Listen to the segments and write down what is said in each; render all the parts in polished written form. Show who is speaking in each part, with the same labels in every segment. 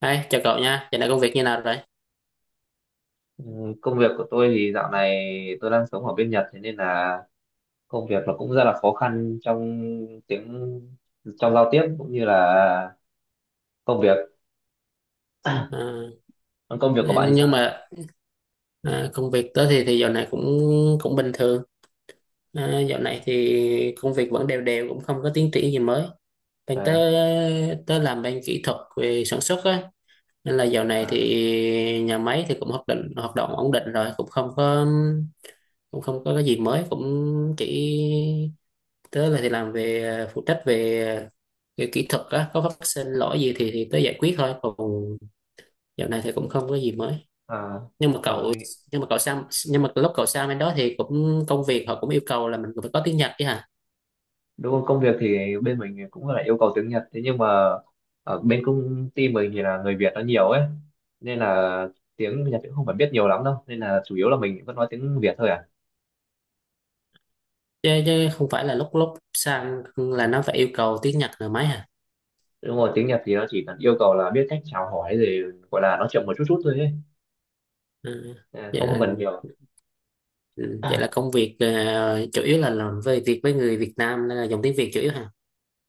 Speaker 1: Đấy, chào cậu nha, giờ này công việc như nào rồi?
Speaker 2: Ừ, công việc của tôi thì dạo này tôi đang sống ở bên Nhật, thế nên là công việc nó cũng rất là khó khăn tiếng trong giao tiếp, cũng như là công việc.
Speaker 1: Ờ,
Speaker 2: Còn công việc của bạn thì
Speaker 1: nhưng
Speaker 2: sao?
Speaker 1: mà ờ, công việc tớ thì dạo này cũng cũng bình thường. Ờ, dạo
Speaker 2: À.
Speaker 1: này thì công việc vẫn đều đều, cũng không có tiến triển gì mới. Bên tớ
Speaker 2: À.
Speaker 1: tớ làm bên kỹ thuật về sản xuất á, nên là dạo này thì nhà máy thì cũng hoạt động ổn định rồi, cũng không có cái gì mới, cũng chỉ tớ là thì làm về phụ trách về kỹ thuật á, có phát sinh lỗi gì thì tớ giải quyết thôi, còn dạo này thì cũng không có gì mới.
Speaker 2: À.
Speaker 1: nhưng mà
Speaker 2: À.
Speaker 1: cậu nhưng mà cậu sang nhưng mà lúc cậu sang bên đó thì cũng công việc họ cũng yêu cầu là mình phải có tiếng Nhật chứ hả?
Speaker 2: Đúng không? Công việc thì bên mình thì cũng là yêu cầu tiếng Nhật, thế nhưng mà ở bên công ty mình thì là người Việt nó nhiều ấy, nên là tiếng Nhật cũng không phải biết nhiều lắm đâu, nên là chủ yếu là mình vẫn nói tiếng Việt thôi à.
Speaker 1: Chứ không phải là lúc lúc sang là nó phải yêu cầu tiếng Nhật là mấy hả?
Speaker 2: Đúng rồi, tiếng Nhật thì nó chỉ cần yêu cầu là biết cách chào hỏi, rồi gọi là nói chuyện một chút chút thôi ấy.
Speaker 1: Ừ,
Speaker 2: À,
Speaker 1: vậy
Speaker 2: không, không
Speaker 1: là
Speaker 2: cần nhiều.
Speaker 1: ừ, vậy là công việc ờ, chủ yếu là làm về việc với người Việt Nam nên là dùng tiếng Việt chủ yếu hả?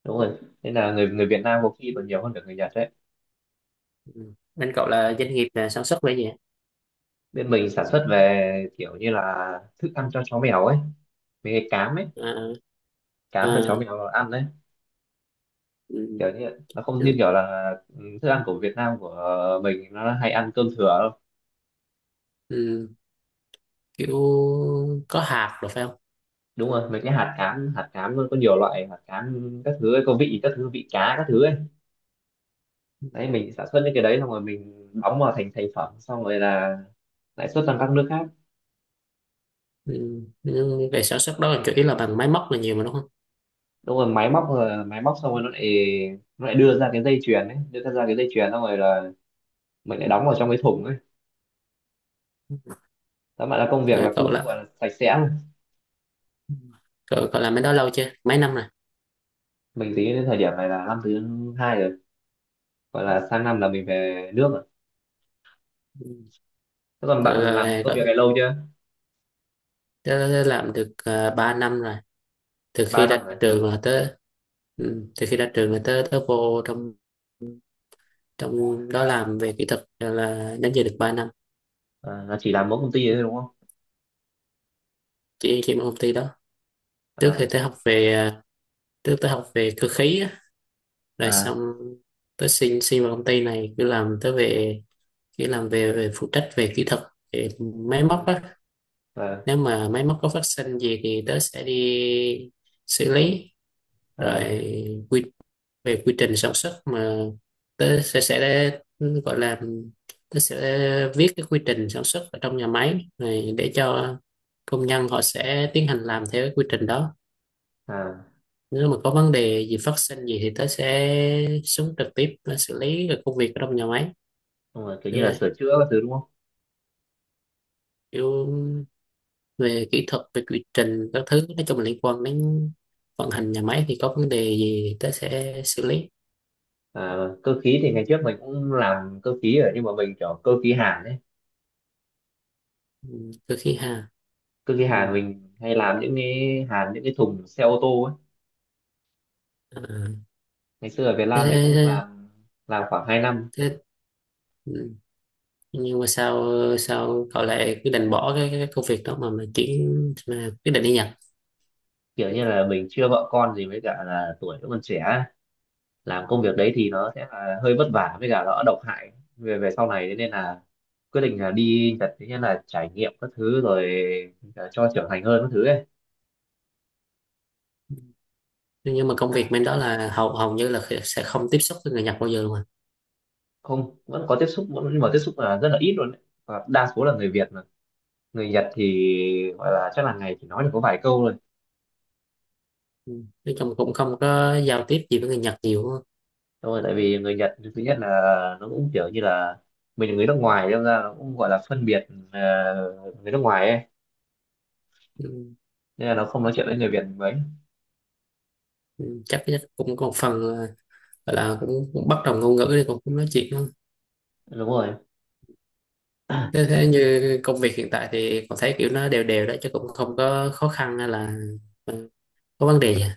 Speaker 2: Đúng rồi, nên là người người Việt Nam có khi còn nhiều hơn cả người Nhật đấy.
Speaker 1: Ừ, bên cậu là doanh nghiệp là sản xuất về gì hả?
Speaker 2: Bên mình sản xuất về kiểu như là thức ăn cho chó mèo ấy, mấy cái cám ấy,
Speaker 1: À,
Speaker 2: cám
Speaker 1: à,
Speaker 2: cho chó mèo ăn đấy.
Speaker 1: ừ,
Speaker 2: Kiểu như nó không như kiểu là thức ăn của Việt Nam của mình nó hay ăn cơm thừa đâu.
Speaker 1: ừ, kiểu có hạt rồi phải không?
Speaker 2: Đúng rồi, mấy cái hạt cám nó có nhiều loại hạt cám các thứ ấy, có vị các thứ, vị cá các thứ ấy.
Speaker 1: Ừ.
Speaker 2: Đấy, mình sản xuất những cái đấy xong rồi mình đóng vào thành thành phẩm, xong rồi là lãi suất toàn các nước khác.
Speaker 1: Ừ. Nhưng về sản xuất đó là chủ yếu là bằng máy móc là nhiều mà đúng không?
Speaker 2: Đúng rồi, máy móc rồi máy móc xong rồi nó lại đưa ra cái dây chuyền ấy, đưa ra cái dây chuyền xong rồi là mình lại đóng vào trong cái thùng ấy. Tóm lại là công việc
Speaker 1: Rồi
Speaker 2: là
Speaker 1: cậu
Speaker 2: cũng gọi
Speaker 1: là
Speaker 2: là sạch sẽ luôn.
Speaker 1: cậu làm cái đó lâu chưa, mấy năm rồi?
Speaker 2: Mình tính đến thời điểm này là năm thứ hai rồi, gọi là sang năm là mình về nước rồi.
Speaker 1: Ừ.
Speaker 2: Thế còn
Speaker 1: cậu,
Speaker 2: bạn làm
Speaker 1: là,
Speaker 2: công
Speaker 1: cậu,
Speaker 2: việc
Speaker 1: tớ
Speaker 2: này lâu chưa?
Speaker 1: tớ làm được 3 năm rồi. Từ
Speaker 2: ba
Speaker 1: khi ra
Speaker 2: năm rồi.
Speaker 1: trường là tớ, ừ, từ khi ra trường là tớ tớ vô trong trong đó làm về kỹ thuật rồi là đến giờ được 3 năm.
Speaker 2: À, là chỉ làm mỗi công ty đấy thôi đúng không?
Speaker 1: Chỉ một công ty đó. Trước thì
Speaker 2: À.
Speaker 1: tớ học về, à, trước tớ học về cơ khí á, rồi
Speaker 2: À.
Speaker 1: xong tớ xin xin vào công ty này cứ làm tớ về cứ làm về, về phụ trách về kỹ thuật, về máy móc
Speaker 2: À.
Speaker 1: á.
Speaker 2: Ờ.
Speaker 1: Nếu mà máy móc có phát sinh gì thì tớ sẽ đi xử lý. Rồi
Speaker 2: Ờ.
Speaker 1: quy về quy trình sản xuất mà tớ sẽ, gọi là tớ sẽ viết cái quy trình sản xuất ở trong nhà máy này để cho công nhân họ sẽ tiến hành làm theo cái quy trình đó.
Speaker 2: À.
Speaker 1: Nếu mà có vấn đề gì phát sinh gì thì tớ sẽ xuống trực tiếp để xử lý cái công việc ở trong nhà máy.
Speaker 2: Đúng rồi, kiểu như
Speaker 1: Kiểu
Speaker 2: là
Speaker 1: vậy,
Speaker 2: sửa chữa các thứ đúng không?
Speaker 1: kiểu về kỹ thuật, về quy trình các thứ, nói chung là liên quan đến vận hành nhà máy thì có vấn đề gì tớ sẽ xử lý.
Speaker 2: À, cơ khí thì ngày trước mình cũng làm cơ khí rồi nhưng mà mình kiểu cơ khí hàn ấy.
Speaker 1: Ừ, cơ khí ha.
Speaker 2: Cứ cái
Speaker 1: Ừ,
Speaker 2: hàn mình hay làm những cái hàn, những cái thùng xe ô tô ấy.
Speaker 1: à,
Speaker 2: Ngày xưa ở Việt
Speaker 1: thế,
Speaker 2: Nam mình cũng
Speaker 1: thế,
Speaker 2: làm khoảng 2 năm.
Speaker 1: thế, ừ. Nhưng mà sao, cậu lại quyết định bỏ cái công việc đó mà chuyển mà quyết định đi Nhật?
Speaker 2: Kiểu như là mình chưa vợ con gì với cả là tuổi vẫn còn trẻ ấy. Làm công việc đấy thì nó sẽ là hơi vất vả với cả nó độc hại về về sau này, thế nên là quyết định là đi Nhật, thế nên là trải nghiệm các thứ rồi cả cho trưởng thành hơn các thứ ấy.
Speaker 1: Ừ, nhưng mà công việc bên đó là hầu hầu như là sẽ không tiếp xúc với người Nhật bao giờ luôn à?
Speaker 2: Không, vẫn có tiếp xúc nhưng mà tiếp xúc là rất là ít luôn ấy. Và đa số là người Việt mà, người Nhật thì gọi là chắc là ngày chỉ nói được có vài câu thôi.
Speaker 1: Ừ, nói chung cũng không có giao tiếp gì với người Nhật nhiều á.
Speaker 2: Đúng rồi, tại vì người Nhật thứ nhất là nó cũng kiểu như là mình là người nước ngoài, nên ra nó cũng gọi là phân biệt người nước ngoài ấy.
Speaker 1: Ừ.
Speaker 2: Nên là nó không nói chuyện với người Việt mấy.
Speaker 1: Ừ, chắc chắc cũng có một phần là, gọi là cũng bất đồng ngôn ngữ thì cũng nói chuyện.
Speaker 2: Đúng rồi.
Speaker 1: Thế, thế như công việc hiện tại thì con thấy kiểu nó đều đều đó chứ cũng không có khó khăn hay là, ừ, có vấn đề gì à?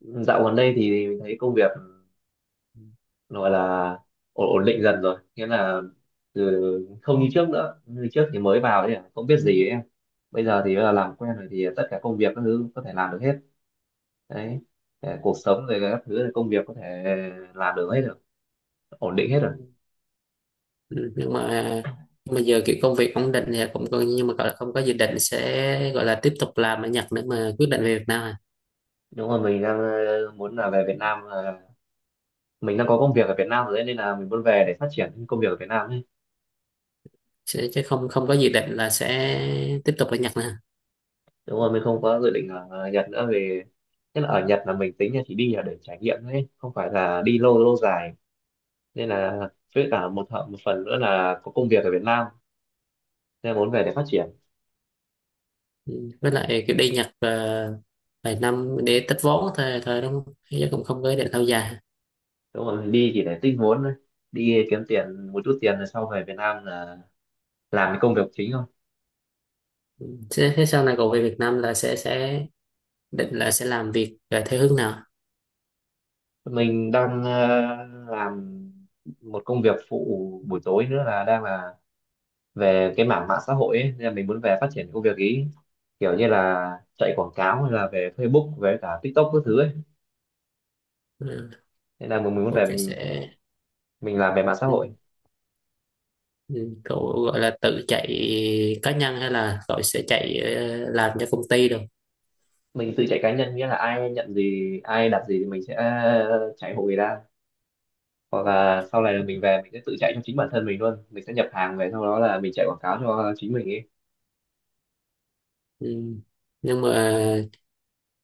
Speaker 2: Dạo gần đây thì mình thấy công việc gọi là ổn định dần rồi, nghĩa là từ không như trước nữa, như trước thì mới vào thì không biết gì ấy, bây giờ thì là làm quen rồi thì tất cả công việc các thứ có thể làm được hết đấy. Ờ, cuộc sống rồi các thứ công việc có thể làm được hết được, ổn định hết rồi.
Speaker 1: Ừ, nhưng mà giờ kiểu công việc ổn định thì cũng coi, nhưng mà gọi là không có dự định sẽ gọi là tiếp tục làm ở Nhật nữa mà quyết định về Việt Nam à?
Speaker 2: Đúng rồi, mình đang muốn là về Việt Nam, là mình đang có công việc ở Việt Nam rồi đấy, nên là mình muốn về để phát triển công việc ở Việt Nam ấy.
Speaker 1: Sẽ, chứ không, không có dự định là sẽ tiếp tục ở Nhật nữa à?
Speaker 2: Đúng rồi, mình không có dự định ở Nhật nữa, vì nhất là ở Nhật là mình tính là chỉ đi là để trải nghiệm thôi ấy, không phải là đi lâu lâu dài, nên là với cả một phần nữa là có công việc ở Việt Nam, nên là muốn về để phát triển.
Speaker 1: Ừ, với lại kiểu đi Nhật ờ, vài năm để tích vốn thôi thôi đúng không, chứ cũng không có ý định lâu dài?
Speaker 2: Đúng rồi, mình đi chỉ để tích vốn thôi, đi kiếm tiền một chút tiền rồi sau về Việt Nam là làm cái công việc chính thôi.
Speaker 1: Thế, sau này cậu về Việt Nam là sẽ định là sẽ làm việc ờ, theo hướng nào?
Speaker 2: Mình đang làm một công việc phụ buổi tối nữa là đang là về cái mảng mạng xã hội ấy, nên là mình muốn về phát triển công việc ý, kiểu như là chạy quảng cáo hay là về Facebook, về cả TikTok các thứ ấy,
Speaker 1: Ừ,
Speaker 2: nên là mình muốn
Speaker 1: cậu
Speaker 2: về,
Speaker 1: phải
Speaker 2: mình
Speaker 1: sẽ,
Speaker 2: mình làm về mạng xã
Speaker 1: ừ,
Speaker 2: hội.
Speaker 1: ừ, cậu gọi là tự chạy cá nhân hay là cậu sẽ chạy ờ, làm cho công ty được?
Speaker 2: Mình tự chạy cá nhân, nghĩa là ai nhận gì ai đặt gì thì mình sẽ chạy hộ người ta, hoặc là sau này là mình về mình sẽ tự chạy cho chính bản thân mình luôn, mình sẽ nhập hàng về sau đó là mình chạy quảng cáo cho chính mình ấy.
Speaker 1: Ừ, nhưng mà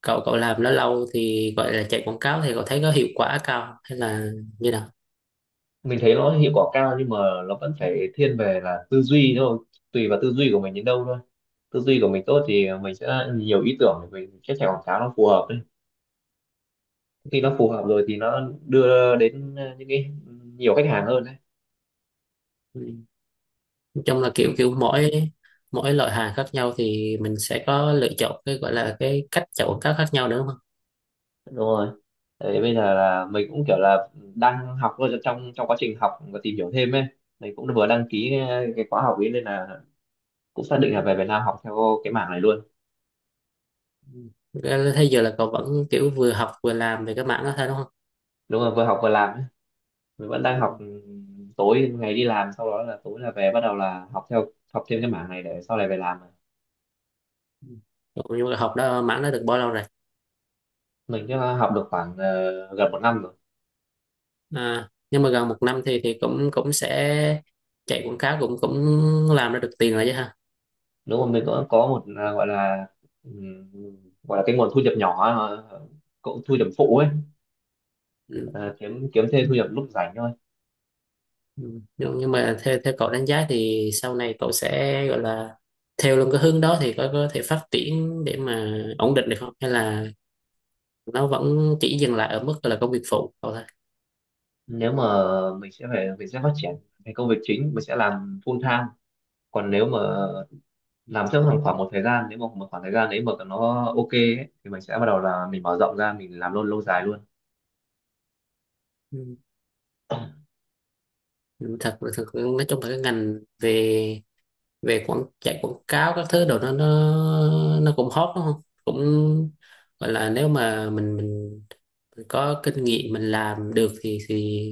Speaker 1: cậu cậu làm nó lâu thì gọi là chạy quảng cáo thì cậu thấy có hiệu quả cao hay là như nào?
Speaker 2: Mình thấy nó hiệu quả cao nhưng mà nó vẫn phải thiên về là tư duy thôi, tùy vào tư duy của mình đến đâu thôi. Tư duy của mình tốt thì mình sẽ nhiều ý tưởng để mình sẽ chạy quảng cáo nó phù hợp đấy. Khi nó phù hợp rồi thì nó đưa đến những cái nhiều khách hàng hơn đấy.
Speaker 1: Ừ, nói chung là kiểu kiểu mỗi mỗi loại hàng khác nhau thì mình sẽ có lựa chọn cái gọi là cái cách chạy quảng cáo khác nhau nữa đúng không?
Speaker 2: Đúng rồi. Đấy, bây giờ là mình cũng kiểu là đang học thôi, trong trong quá trình học và tìm hiểu thêm ấy, mình cũng vừa đăng ký cái khóa học ấy, nên là cũng xác định là về Việt Nam học theo cái mảng này luôn.
Speaker 1: Ừ, thế thế giờ là cậu vẫn kiểu vừa học vừa làm về cái mảng đó thôi đúng không?
Speaker 2: Đúng rồi, vừa học vừa làm, mình vẫn đang
Speaker 1: Ừ.
Speaker 2: học. Ừ, Tối ngày đi làm sau đó là tối là về bắt đầu là học theo, học thêm cái mảng này để sau này về làm.
Speaker 1: Ừ. Cậu, nhưng mà học đó mảng đó được bao lâu rồi?
Speaker 2: Mình chắc là học được khoảng gần 1 năm rồi.
Speaker 1: À, nhưng mà gần 1 năm thì cũng cũng sẽ chạy quảng cáo cũng cũng làm ra được tiền rồi chứ ha?
Speaker 2: Đúng rồi, mình cũng có một ừm, gọi là cái nguồn thu nhập nhỏ, cũng thu nhập phụ ấy.
Speaker 1: Ừ.
Speaker 2: Ờ, kiếm kiếm thêm thu nhập lúc rảnh thôi.
Speaker 1: Ừ, nhưng mà theo theo cậu đánh giá thì sau này cậu sẽ gọi là theo luôn cái hướng đó thì có thể phát triển để mà ổn định được không hay là nó vẫn chỉ dừng lại ở mức là công việc phụ cậu thôi?
Speaker 2: Nếu mà mình sẽ phải, mình sẽ phát triển cái công việc chính, mình sẽ làm full time, còn nếu mà làm trong khoảng khoảng một thời gian, nếu mà một khoảng thời gian đấy mà nó ok ấy, thì mình sẽ bắt đầu là mình mở rộng ra mình làm luôn lâu dài luôn.
Speaker 1: Ừ. Ừ, thật thật nói chung là cái ngành về về quảng chạy quảng cáo các thứ đồ nó cũng hot đúng không, cũng gọi là nếu mà mình có kinh nghiệm mình làm được thì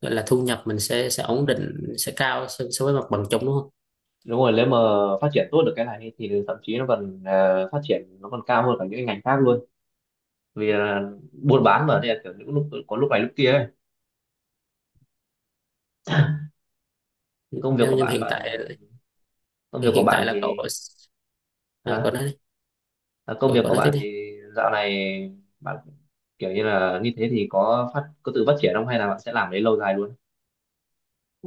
Speaker 1: gọi là thu nhập mình sẽ ổn định, sẽ cao so với mặt bằng chung đúng không?
Speaker 2: Đúng rồi, nếu mà phát triển tốt được cái này thì thậm chí nó còn phát triển, nó còn cao hơn cả những cái ngành khác luôn, vì là buôn bán mà, nên là kiểu những lúc có lúc này lúc kia ấy. Cái công việc
Speaker 1: Nếu
Speaker 2: của
Speaker 1: nhưng
Speaker 2: bạn
Speaker 1: hiện tại
Speaker 2: bạn Công
Speaker 1: thì
Speaker 2: việc của
Speaker 1: hiện tại
Speaker 2: bạn
Speaker 1: là cậu,
Speaker 2: thì
Speaker 1: à,
Speaker 2: hả?
Speaker 1: cậu nói đi.
Speaker 2: À, công
Speaker 1: Cậu
Speaker 2: việc
Speaker 1: cậu
Speaker 2: của
Speaker 1: nói tiếp
Speaker 2: bạn
Speaker 1: đi.
Speaker 2: thì dạo này bạn kiểu như là như thế thì có tự phát triển không, hay là bạn sẽ làm đấy lâu dài luôn?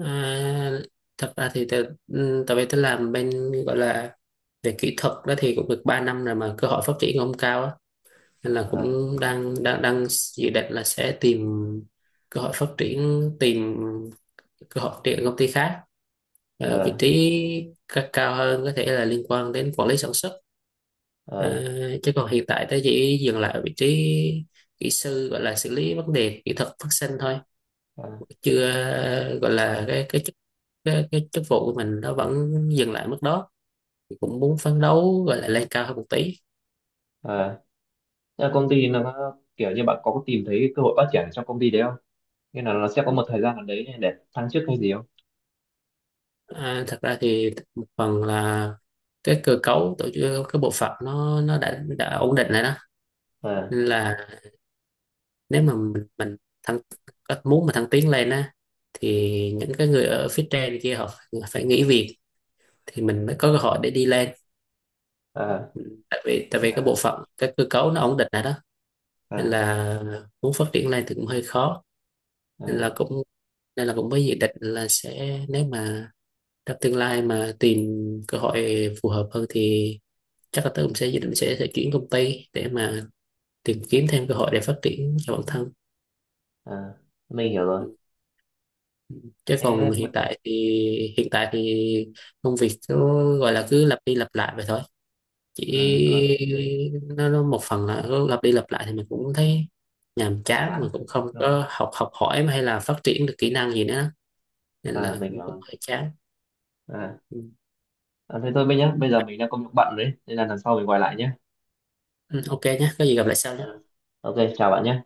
Speaker 1: À, thật ra thì tớ, ừ, tại vì tôi làm bên, gọi là về kỹ thuật đó thì cũng được 3 năm rồi mà cơ hội phát triển không cao, nên là
Speaker 2: Ờ.
Speaker 1: cũng đang đang đang dự định là sẽ tìm cơ hội phát triển, tìm cơ hội phát triển công ty khác. Ờ, vị
Speaker 2: Ờ.
Speaker 1: trí cao hơn có thể là liên quan đến quản lý sản xuất. Ờ,
Speaker 2: Ờ.
Speaker 1: chứ còn hiện tại tôi chỉ dừng lại ở vị trí kỹ sư, gọi là xử lý vấn đề kỹ thuật phát sinh thôi,
Speaker 2: Ờ.
Speaker 1: chưa ờ, gọi là cái chức, cái chức vụ của mình nó vẫn dừng lại mức đó, cũng muốn phấn đấu gọi là lên cao hơn một tí.
Speaker 2: Ờ. Thế là công ty nó kiểu như bạn có tìm thấy cơ hội phát triển trong công ty đấy không? Nghĩa là nó sẽ có một thời gian nào đấy để thăng chức hay gì không?
Speaker 1: À, thật ra thì một phần là cái cơ cấu tổ chức, cái bộ phận nó đã ổn định rồi đó,
Speaker 2: Ờ.
Speaker 1: nên là nếu mà thăng muốn mà thăng tiến lên á thì những cái người ở phía trên kia họ phải phải nghỉ việc thì mình mới có cơ hội để đi lên.
Speaker 2: Ờ.
Speaker 1: Tại vì cái bộ
Speaker 2: Ờ.
Speaker 1: phận cái cơ cấu nó ổn định rồi đó, nên
Speaker 2: Ờ.
Speaker 1: là muốn phát triển lên thì cũng hơi khó.
Speaker 2: Ờ.
Speaker 1: Nên là cũng, nên là cũng mới dự định là sẽ, nếu mà trong tương lai mà tìm cơ hội phù hợp hơn thì chắc là tớ cũng sẽ dự định sẽ chuyển công ty để mà tìm kiếm thêm cơ hội để phát triển cho bản thân.
Speaker 2: Ờ. Mình hiểu rồi.
Speaker 1: Chứ
Speaker 2: Thế
Speaker 1: còn hiện
Speaker 2: mình,
Speaker 1: tại thì hiện tại thì công việc cứ gọi là cứ lặp đi lặp lại vậy thôi, chỉ
Speaker 2: ừ, rồi.
Speaker 1: nó một phần là cứ lặp đi lặp lại thì mình cũng thấy nhàm
Speaker 2: Hơi
Speaker 1: chán
Speaker 2: chán.
Speaker 1: mà cũng không
Speaker 2: Rồi,
Speaker 1: có học học hỏi hay là phát triển được kỹ năng gì nữa, nên
Speaker 2: à,
Speaker 1: là
Speaker 2: mình hiểu
Speaker 1: cũng
Speaker 2: rồi.
Speaker 1: hơi chán.
Speaker 2: À,
Speaker 1: Ừ,
Speaker 2: à thế thôi bây nhá, bây giờ mình đang công việc bận đấy nên là lần sau mình gọi lại nhé.
Speaker 1: ừ, ok nhé, có gì gặp lại sau.
Speaker 2: Ờ. Ok, chào bạn nhé.